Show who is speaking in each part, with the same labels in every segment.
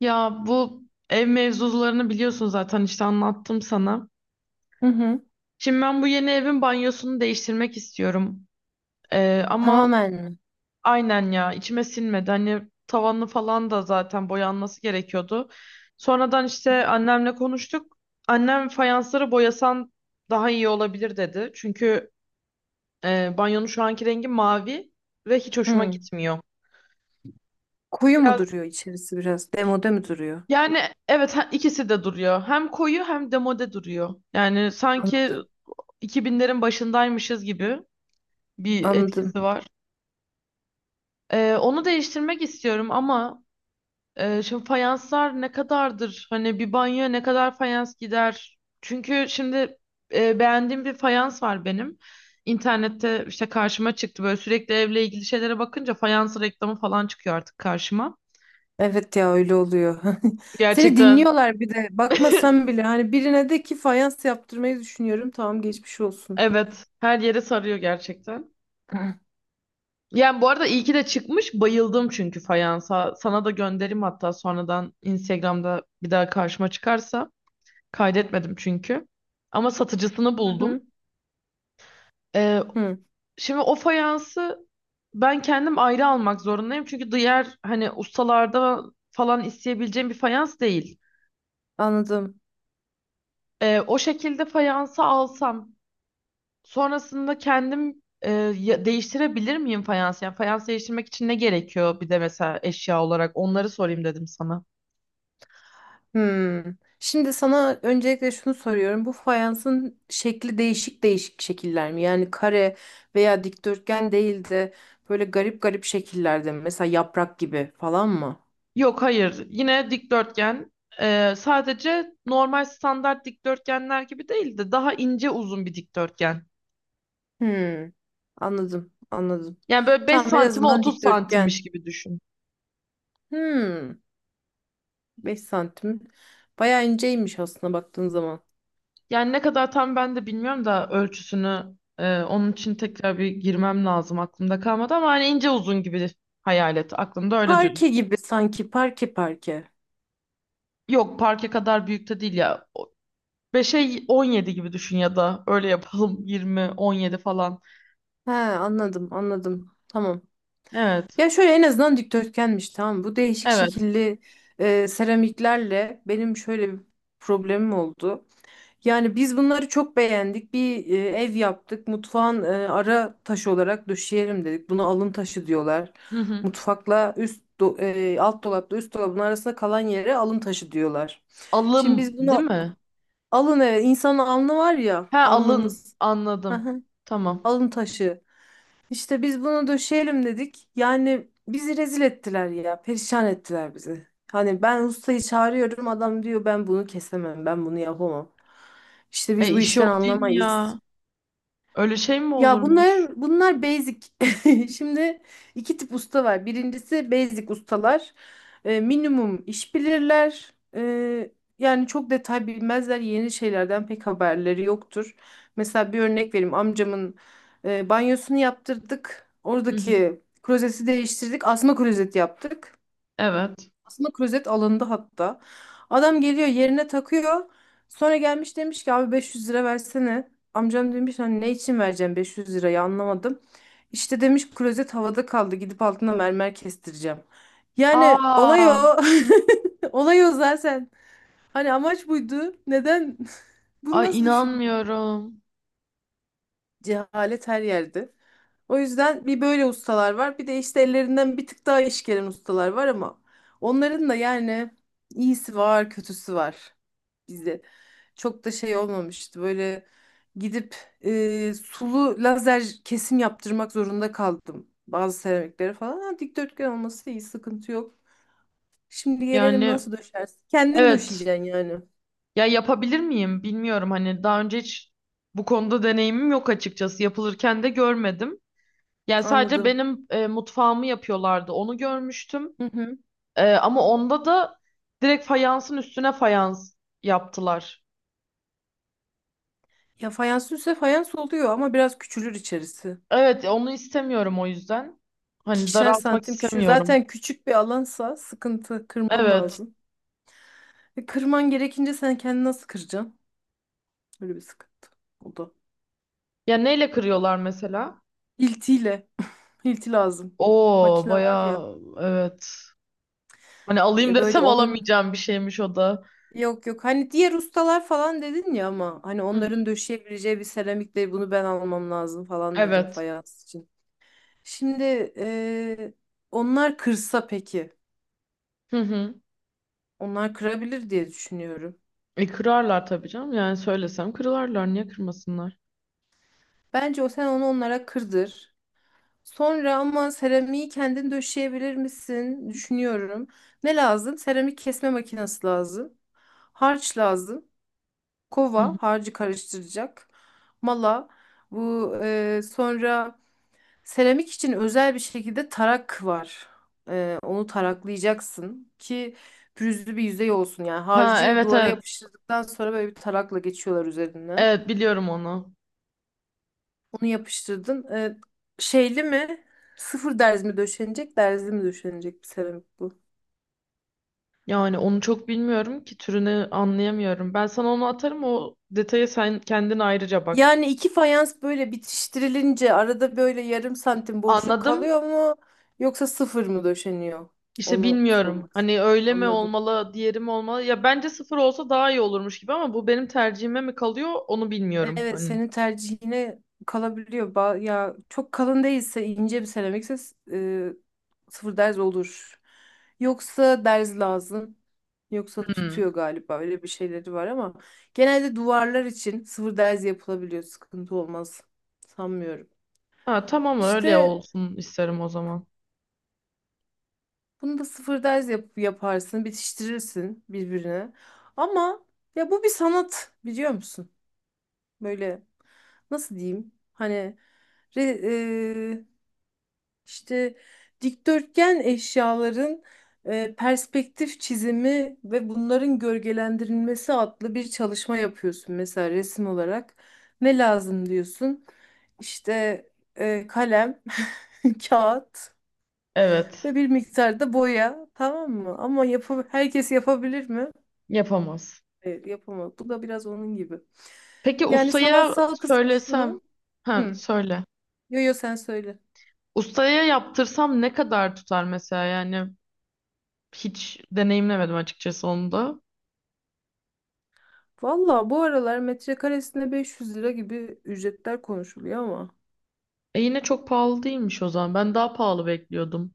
Speaker 1: Ya bu ev mevzularını biliyorsun zaten, işte anlattım sana.
Speaker 2: Hı hı.
Speaker 1: Şimdi ben bu yeni evin banyosunu değiştirmek istiyorum. Ama
Speaker 2: Tamamen mi?
Speaker 1: aynen ya, içime sinmedi. Hani tavanı falan da zaten boyanması gerekiyordu. Sonradan işte annemle konuştuk. Annem, fayansları boyasan daha iyi olabilir dedi. Çünkü banyonun şu anki rengi mavi ve hiç
Speaker 2: Hı
Speaker 1: hoşuma
Speaker 2: hı.
Speaker 1: gitmiyor.
Speaker 2: Koyu mu
Speaker 1: Biraz,
Speaker 2: duruyor içerisi biraz? Demode mi duruyor?
Speaker 1: yani evet, ikisi de duruyor. Hem koyu hem demode duruyor. Yani sanki
Speaker 2: Anladım.
Speaker 1: 2000'lerin başındaymışız gibi bir
Speaker 2: Anladım.
Speaker 1: etkisi var. Onu değiştirmek istiyorum, ama şimdi fayanslar ne kadardır? Hani bir banyoya ne kadar fayans gider? Çünkü şimdi beğendiğim bir fayans var benim. İnternette işte karşıma çıktı, böyle sürekli evle ilgili şeylere bakınca fayans reklamı falan çıkıyor artık karşıma.
Speaker 2: Evet ya öyle oluyor. Seni
Speaker 1: Gerçekten,
Speaker 2: dinliyorlar bir de. Bakmasan bile hani birine de ki fayans yaptırmayı düşünüyorum. Tamam, geçmiş olsun.
Speaker 1: evet, her yere sarıyor gerçekten.
Speaker 2: Hı
Speaker 1: Yani bu arada iyi ki de çıkmış. Bayıldım çünkü fayansa. Sana da gönderim hatta sonradan Instagram'da bir daha karşıma çıkarsa. Kaydetmedim çünkü. Ama satıcısını
Speaker 2: hı.
Speaker 1: buldum. Ee,
Speaker 2: Hı.
Speaker 1: şimdi o fayansı ben kendim ayrı almak zorundayım. Çünkü diğer, hani, ustalarda falan isteyebileceğim bir fayans değil.
Speaker 2: Anladım.
Speaker 1: O şekilde fayansı alsam, sonrasında kendim, değiştirebilir miyim fayansı? Yani fayans değiştirmek için ne gerekiyor, bir de mesela eşya olarak onları sorayım dedim sana.
Speaker 2: Hı. Şimdi sana öncelikle şunu soruyorum. Bu fayansın şekli değişik değişik şekiller mi? Yani kare veya dikdörtgen değil de böyle garip garip şekillerde mi? Mesela yaprak gibi falan mı?
Speaker 1: Yok, hayır, yine dikdörtgen. Sadece normal standart dikdörtgenler gibi değil de daha ince uzun bir dikdörtgen.
Speaker 2: Hmm, anladım, anladım.
Speaker 1: Yani böyle 5
Speaker 2: Tamam, en
Speaker 1: santime
Speaker 2: azından
Speaker 1: 30 santimmiş
Speaker 2: dikdörtgen.
Speaker 1: gibi düşün.
Speaker 2: Hmm, 5 santim. Bayağı inceymiş aslında baktığın zaman.
Speaker 1: Yani ne kadar tam ben de bilmiyorum da ölçüsünü, onun için tekrar bir girmem lazım, aklımda kalmadı. Ama hani ince uzun gibi hayal et, aklımda öyle düşün.
Speaker 2: Parke gibi sanki, parke parke.
Speaker 1: Yok, parke kadar büyük de değil ya. 5'e 17 gibi düşün, ya da öyle yapalım, 20 17 falan.
Speaker 2: He, anladım, anladım. Tamam.
Speaker 1: Evet,
Speaker 2: Ya şöyle, en azından dikdörtgenmiş, tamam. Bu değişik
Speaker 1: evet.
Speaker 2: şekilli seramiklerle benim şöyle bir problemim oldu. Yani biz bunları çok beğendik. Bir ev yaptık. Mutfağın ara taşı olarak döşeyelim dedik. Buna alın taşı diyorlar.
Speaker 1: Hı hı.
Speaker 2: Mutfakla alt dolapla üst dolabın arasında kalan yere alın taşı diyorlar. Şimdi
Speaker 1: Alım
Speaker 2: biz
Speaker 1: değil
Speaker 2: bunu
Speaker 1: mi?
Speaker 2: alın, evet, insanın alnı var ya,
Speaker 1: He, alın,
Speaker 2: alnımız.
Speaker 1: anladım. Tamam.
Speaker 2: Alın taşı. İşte biz bunu döşeyelim dedik. Yani bizi rezil ettiler ya. Perişan ettiler bizi. Hani ben ustayı çağırıyorum, adam diyor ben bunu kesemem, ben bunu yapamam. İşte
Speaker 1: E,
Speaker 2: biz bu
Speaker 1: işi
Speaker 2: işten
Speaker 1: o değil mi
Speaker 2: anlamayız.
Speaker 1: ya? Öyle şey mi
Speaker 2: Ya
Speaker 1: olurmuş?
Speaker 2: bunlar basic. Şimdi iki tip usta var. Birincisi basic ustalar. Minimum iş bilirler. Yani çok detay bilmezler. Yeni şeylerden pek haberleri yoktur. Mesela bir örnek vereyim. Amcamın banyosunu yaptırdık.
Speaker 1: Hı hı.
Speaker 2: Oradaki klozeti değiştirdik. Asma klozet yaptık.
Speaker 1: Evet.
Speaker 2: Aslında klozet alındı hatta. Adam geliyor yerine takıyor. Sonra gelmiş, demiş ki abi 500 lira versene. Amcam demiş hani ne için vereceğim 500 lirayı anlamadım. İşte demiş klozet havada kaldı, gidip altına mermer kestireceğim. Yani olay o.
Speaker 1: Aa,
Speaker 2: Olay o zaten. Hani amaç buydu. Neden? Bunu
Speaker 1: ay,
Speaker 2: nasıl düşündün?
Speaker 1: inanmıyorum.
Speaker 2: Cehalet her yerde. O yüzden bir böyle ustalar var. Bir de işte ellerinden bir tık daha iş gelen ustalar var ama onların da yani iyisi var, kötüsü var bizde. Çok da şey olmamıştı. Böyle gidip sulu lazer kesim yaptırmak zorunda kaldım. Bazı seramiklere falan. Ha, dikdörtgen olması iyi, sıkıntı yok. Şimdi gelelim,
Speaker 1: Yani
Speaker 2: nasıl döşersin? Kendin
Speaker 1: evet.
Speaker 2: döşeyeceksin yani.
Speaker 1: Ya, yapabilir miyim bilmiyorum. Hani daha önce hiç bu konuda deneyimim yok açıkçası. Yapılırken de görmedim. Yani sadece
Speaker 2: Anladım.
Speaker 1: benim mutfağımı yapıyorlardı. Onu görmüştüm.
Speaker 2: Hı hı.
Speaker 1: Ama onda da direkt fayansın üstüne fayans yaptılar.
Speaker 2: Ya fayans ise fayans oluyor ama biraz küçülür içerisi.
Speaker 1: Evet, onu istemiyorum o yüzden. Hani
Speaker 2: İkişer
Speaker 1: daraltmak
Speaker 2: santim küçüğü.
Speaker 1: istemiyorum.
Speaker 2: Zaten küçük bir alansa sıkıntı, kırman
Speaker 1: Evet.
Speaker 2: lazım. Kırman gerekince sen kendini nasıl kıracaksın? Öyle bir sıkıntı. O da.
Speaker 1: Ya neyle kırıyorlar mesela?
Speaker 2: Hiltiyle. Hilti lazım.
Speaker 1: Oo,
Speaker 2: Makine var ya.
Speaker 1: bayağı, evet. Hani alayım
Speaker 2: Böyle
Speaker 1: desem
Speaker 2: onun,
Speaker 1: alamayacağım bir şeymiş o da.
Speaker 2: yok yok. Hani diğer ustalar falan dedin ya ama hani
Speaker 1: Hı hı.
Speaker 2: onların döşeyebileceği bir seramikle bunu ben almam lazım falan dedim
Speaker 1: Evet.
Speaker 2: fayans için. Şimdi onlar kırsa peki.
Speaker 1: Hı hı.
Speaker 2: Onlar kırabilir diye düşünüyorum.
Speaker 1: E, kırarlar tabii canım. Yani söylesem kırarlar. Niye kırmasınlar?
Speaker 2: Bence o, sen onu onlara kırdır. Sonra ama seramiği kendin döşeyebilir misin? Düşünüyorum. Ne lazım? Seramik kesme makinesi lazım. Harç lazım.
Speaker 1: Hı
Speaker 2: Kova,
Speaker 1: hı.
Speaker 2: harcı karıştıracak. Mala. Bu sonra, seramik için özel bir şekilde tarak var. Onu taraklayacaksın ki pürüzlü bir yüzey olsun. Yani
Speaker 1: Ha,
Speaker 2: harcı
Speaker 1: evet,
Speaker 2: duvara
Speaker 1: evet.
Speaker 2: yapıştırdıktan sonra böyle bir tarakla geçiyorlar üzerine.
Speaker 1: Evet, biliyorum onu.
Speaker 2: Onu yapıştırdın. Şeyli mi? Sıfır derz mi döşenecek, derzli mi döşenecek bir seramik bu?
Speaker 1: Yani onu çok bilmiyorum ki türünü anlayamıyorum. Ben sana onu atarım o detaya, sen kendin ayrıca bak.
Speaker 2: Yani iki fayans böyle bitiştirilince arada böyle yarım santim boşluk
Speaker 1: Anladım.
Speaker 2: kalıyor mu? Yoksa sıfır mı döşeniyor?
Speaker 1: İşte
Speaker 2: Onu
Speaker 1: bilmiyorum.
Speaker 2: sormak istedim.
Speaker 1: Hani öyle mi
Speaker 2: Anladım.
Speaker 1: olmalı, diğeri mi olmalı? Ya bence sıfır olsa daha iyi olurmuş gibi, ama bu benim tercihime mi kalıyor onu bilmiyorum.
Speaker 2: Evet,
Speaker 1: Hani.
Speaker 2: senin tercihine kalabiliyor. Ya çok kalın değilse, ince bir seramikse e, sıfır derz olur. Yoksa derz lazım. Yoksa
Speaker 1: Hmm.
Speaker 2: tutuyor galiba, öyle bir şeyleri var ama genelde duvarlar için sıfır derz yapılabiliyor. Sıkıntı olmaz. Sanmıyorum.
Speaker 1: Ha, tamam, öyle
Speaker 2: İşte
Speaker 1: olsun isterim o zaman.
Speaker 2: bunu da sıfır derz yaparsın, bitiştirirsin birbirine. Ama ya bu bir sanat, biliyor musun? Böyle nasıl diyeyim? Hani Re, e, İşte dikdörtgen eşyaların perspektif çizimi ve bunların gölgelendirilmesi adlı bir çalışma yapıyorsun mesela, resim olarak. Ne lazım diyorsun? İşte kalem, kağıt
Speaker 1: Evet.
Speaker 2: ve bir miktar da boya, tamam mı? Ama yapı, herkes yapabilir mi?
Speaker 1: Yapamaz.
Speaker 2: Evet, yapamaz. Bu da biraz onun gibi.
Speaker 1: Peki,
Speaker 2: Yani
Speaker 1: ustaya
Speaker 2: sanatsal kısmı
Speaker 1: söylesem.
Speaker 2: şu.
Speaker 1: Ha,
Speaker 2: Hı.
Speaker 1: söyle.
Speaker 2: Yo yo, sen söyle.
Speaker 1: Ustaya yaptırsam ne kadar tutar mesela, yani hiç deneyimlemedim açıkçası onu da.
Speaker 2: Valla bu aralar metrekaresine 500 lira gibi ücretler konuşuluyor ama.
Speaker 1: E, yine çok pahalı değilmiş o zaman. Ben daha pahalı bekliyordum.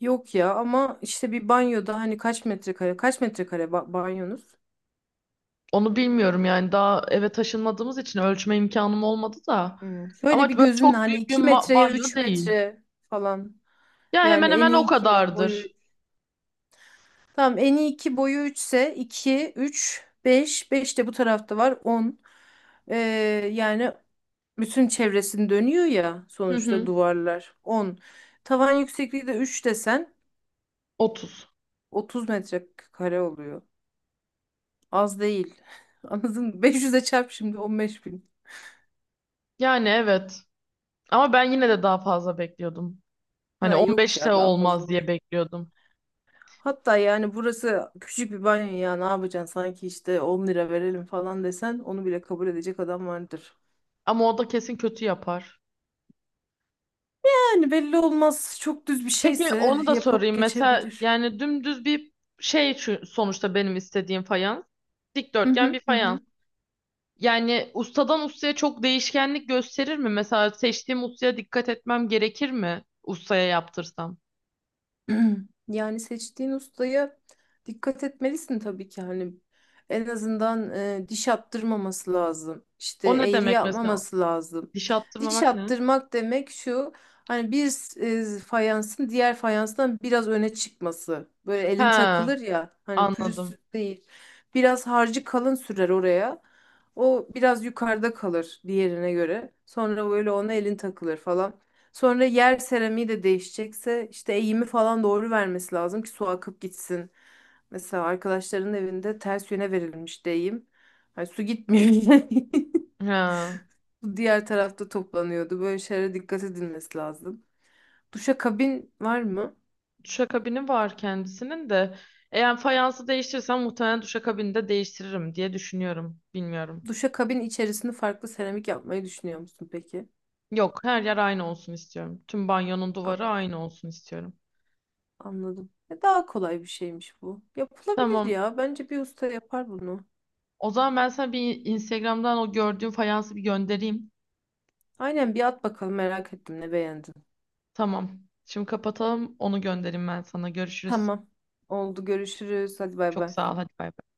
Speaker 2: Yok ya, ama işte bir banyoda hani kaç metrekare, kaç metrekare banyonuz?
Speaker 1: Onu bilmiyorum, yani daha eve taşınmadığımız için ölçme imkanım olmadı da.
Speaker 2: Hmm, şöyle
Speaker 1: Ama
Speaker 2: bir
Speaker 1: böyle
Speaker 2: gözünle
Speaker 1: çok
Speaker 2: hani
Speaker 1: büyük bir
Speaker 2: 2 metreye
Speaker 1: banyo
Speaker 2: 3
Speaker 1: değil.
Speaker 2: metre falan.
Speaker 1: Ya, hemen
Speaker 2: Yani en
Speaker 1: hemen
Speaker 2: iyi
Speaker 1: o
Speaker 2: 2 boyu.
Speaker 1: kadardır.
Speaker 2: Tamam, en iyi 2 boyu üçse, 2 3 5 5 de bu tarafta var on. Ee, yani bütün çevresini dönüyor ya
Speaker 1: Hı
Speaker 2: sonuçta,
Speaker 1: hı.
Speaker 2: duvarlar on. Tavan yüksekliği de 3 desen,
Speaker 1: 30.
Speaker 2: 30 metrekare oluyor. Az değil. Anladın mı? 500'e çarp şimdi, 15 bin.
Speaker 1: Yani evet. Ama ben yine de daha fazla bekliyordum. Hani
Speaker 2: Ha yok
Speaker 1: 15'te
Speaker 2: ya, daha
Speaker 1: olmaz
Speaker 2: fazla
Speaker 1: diye
Speaker 2: değil.
Speaker 1: bekliyordum.
Speaker 2: Hatta yani burası küçük bir banyo ya, ne yapacaksın, sanki işte 10 lira verelim falan desen onu bile kabul edecek adam vardır.
Speaker 1: Ama o da kesin kötü yapar.
Speaker 2: Yani belli olmaz, çok düz bir
Speaker 1: Peki,
Speaker 2: şeyse
Speaker 1: onu da
Speaker 2: yapıp
Speaker 1: sorayım. Mesela,
Speaker 2: geçebilir.
Speaker 1: yani dümdüz bir şey, sonuçta benim istediğim fayans.
Speaker 2: Hı
Speaker 1: Dikdörtgen
Speaker 2: hı
Speaker 1: bir
Speaker 2: hı
Speaker 1: fayans.
Speaker 2: hı.
Speaker 1: Yani ustadan ustaya çok değişkenlik gösterir mi? Mesela seçtiğim ustaya dikkat etmem gerekir mi? Ustaya yaptırsam.
Speaker 2: Yani seçtiğin ustaya dikkat etmelisin tabii ki, hani en azından diş attırmaması lazım. İşte
Speaker 1: O ne
Speaker 2: eğri
Speaker 1: demek mesela?
Speaker 2: yapmaması lazım.
Speaker 1: Diş
Speaker 2: Diş
Speaker 1: attırmamak ne?
Speaker 2: attırmak demek şu, hani bir fayansın diğer fayanstan biraz öne çıkması. Böyle elin
Speaker 1: Ha,
Speaker 2: takılır ya, hani
Speaker 1: anladım.
Speaker 2: pürüzsüz değil. Biraz harcı kalın sürer oraya. O biraz yukarıda kalır diğerine göre. Sonra böyle ona elin takılır falan. Sonra yer seramiği de değişecekse işte eğimi falan doğru vermesi lazım ki su akıp gitsin. Mesela arkadaşların evinde ters yöne verilmiş de eğim. Hani su gitmiyor.
Speaker 1: He.
Speaker 2: Su diğer tarafta toplanıyordu. Böyle şeylere dikkat edilmesi lazım. Duşakabin var mı?
Speaker 1: Duşakabini var kendisinin de. Eğer fayansı değiştirsem muhtemelen duşakabini de değiştiririm diye düşünüyorum. Bilmiyorum.
Speaker 2: Duşakabin içerisinde farklı seramik yapmayı düşünüyor musun peki?
Speaker 1: Yok, her yer aynı olsun istiyorum. Tüm banyonun
Speaker 2: A-
Speaker 1: duvarı aynı olsun istiyorum.
Speaker 2: Anladım. Daha kolay bir şeymiş bu. Yapılabilir
Speaker 1: Tamam.
Speaker 2: ya. Bence bir usta yapar bunu.
Speaker 1: O zaman ben sana bir Instagram'dan o gördüğüm fayansı bir göndereyim.
Speaker 2: Aynen, bir at bakalım, merak ettim ne beğendin.
Speaker 1: Tamam. Şimdi kapatalım. Onu göndereyim ben sana. Görüşürüz.
Speaker 2: Tamam. Oldu. Görüşürüz. Hadi bay
Speaker 1: Çok
Speaker 2: bay.
Speaker 1: sağ ol. Hadi bay bay.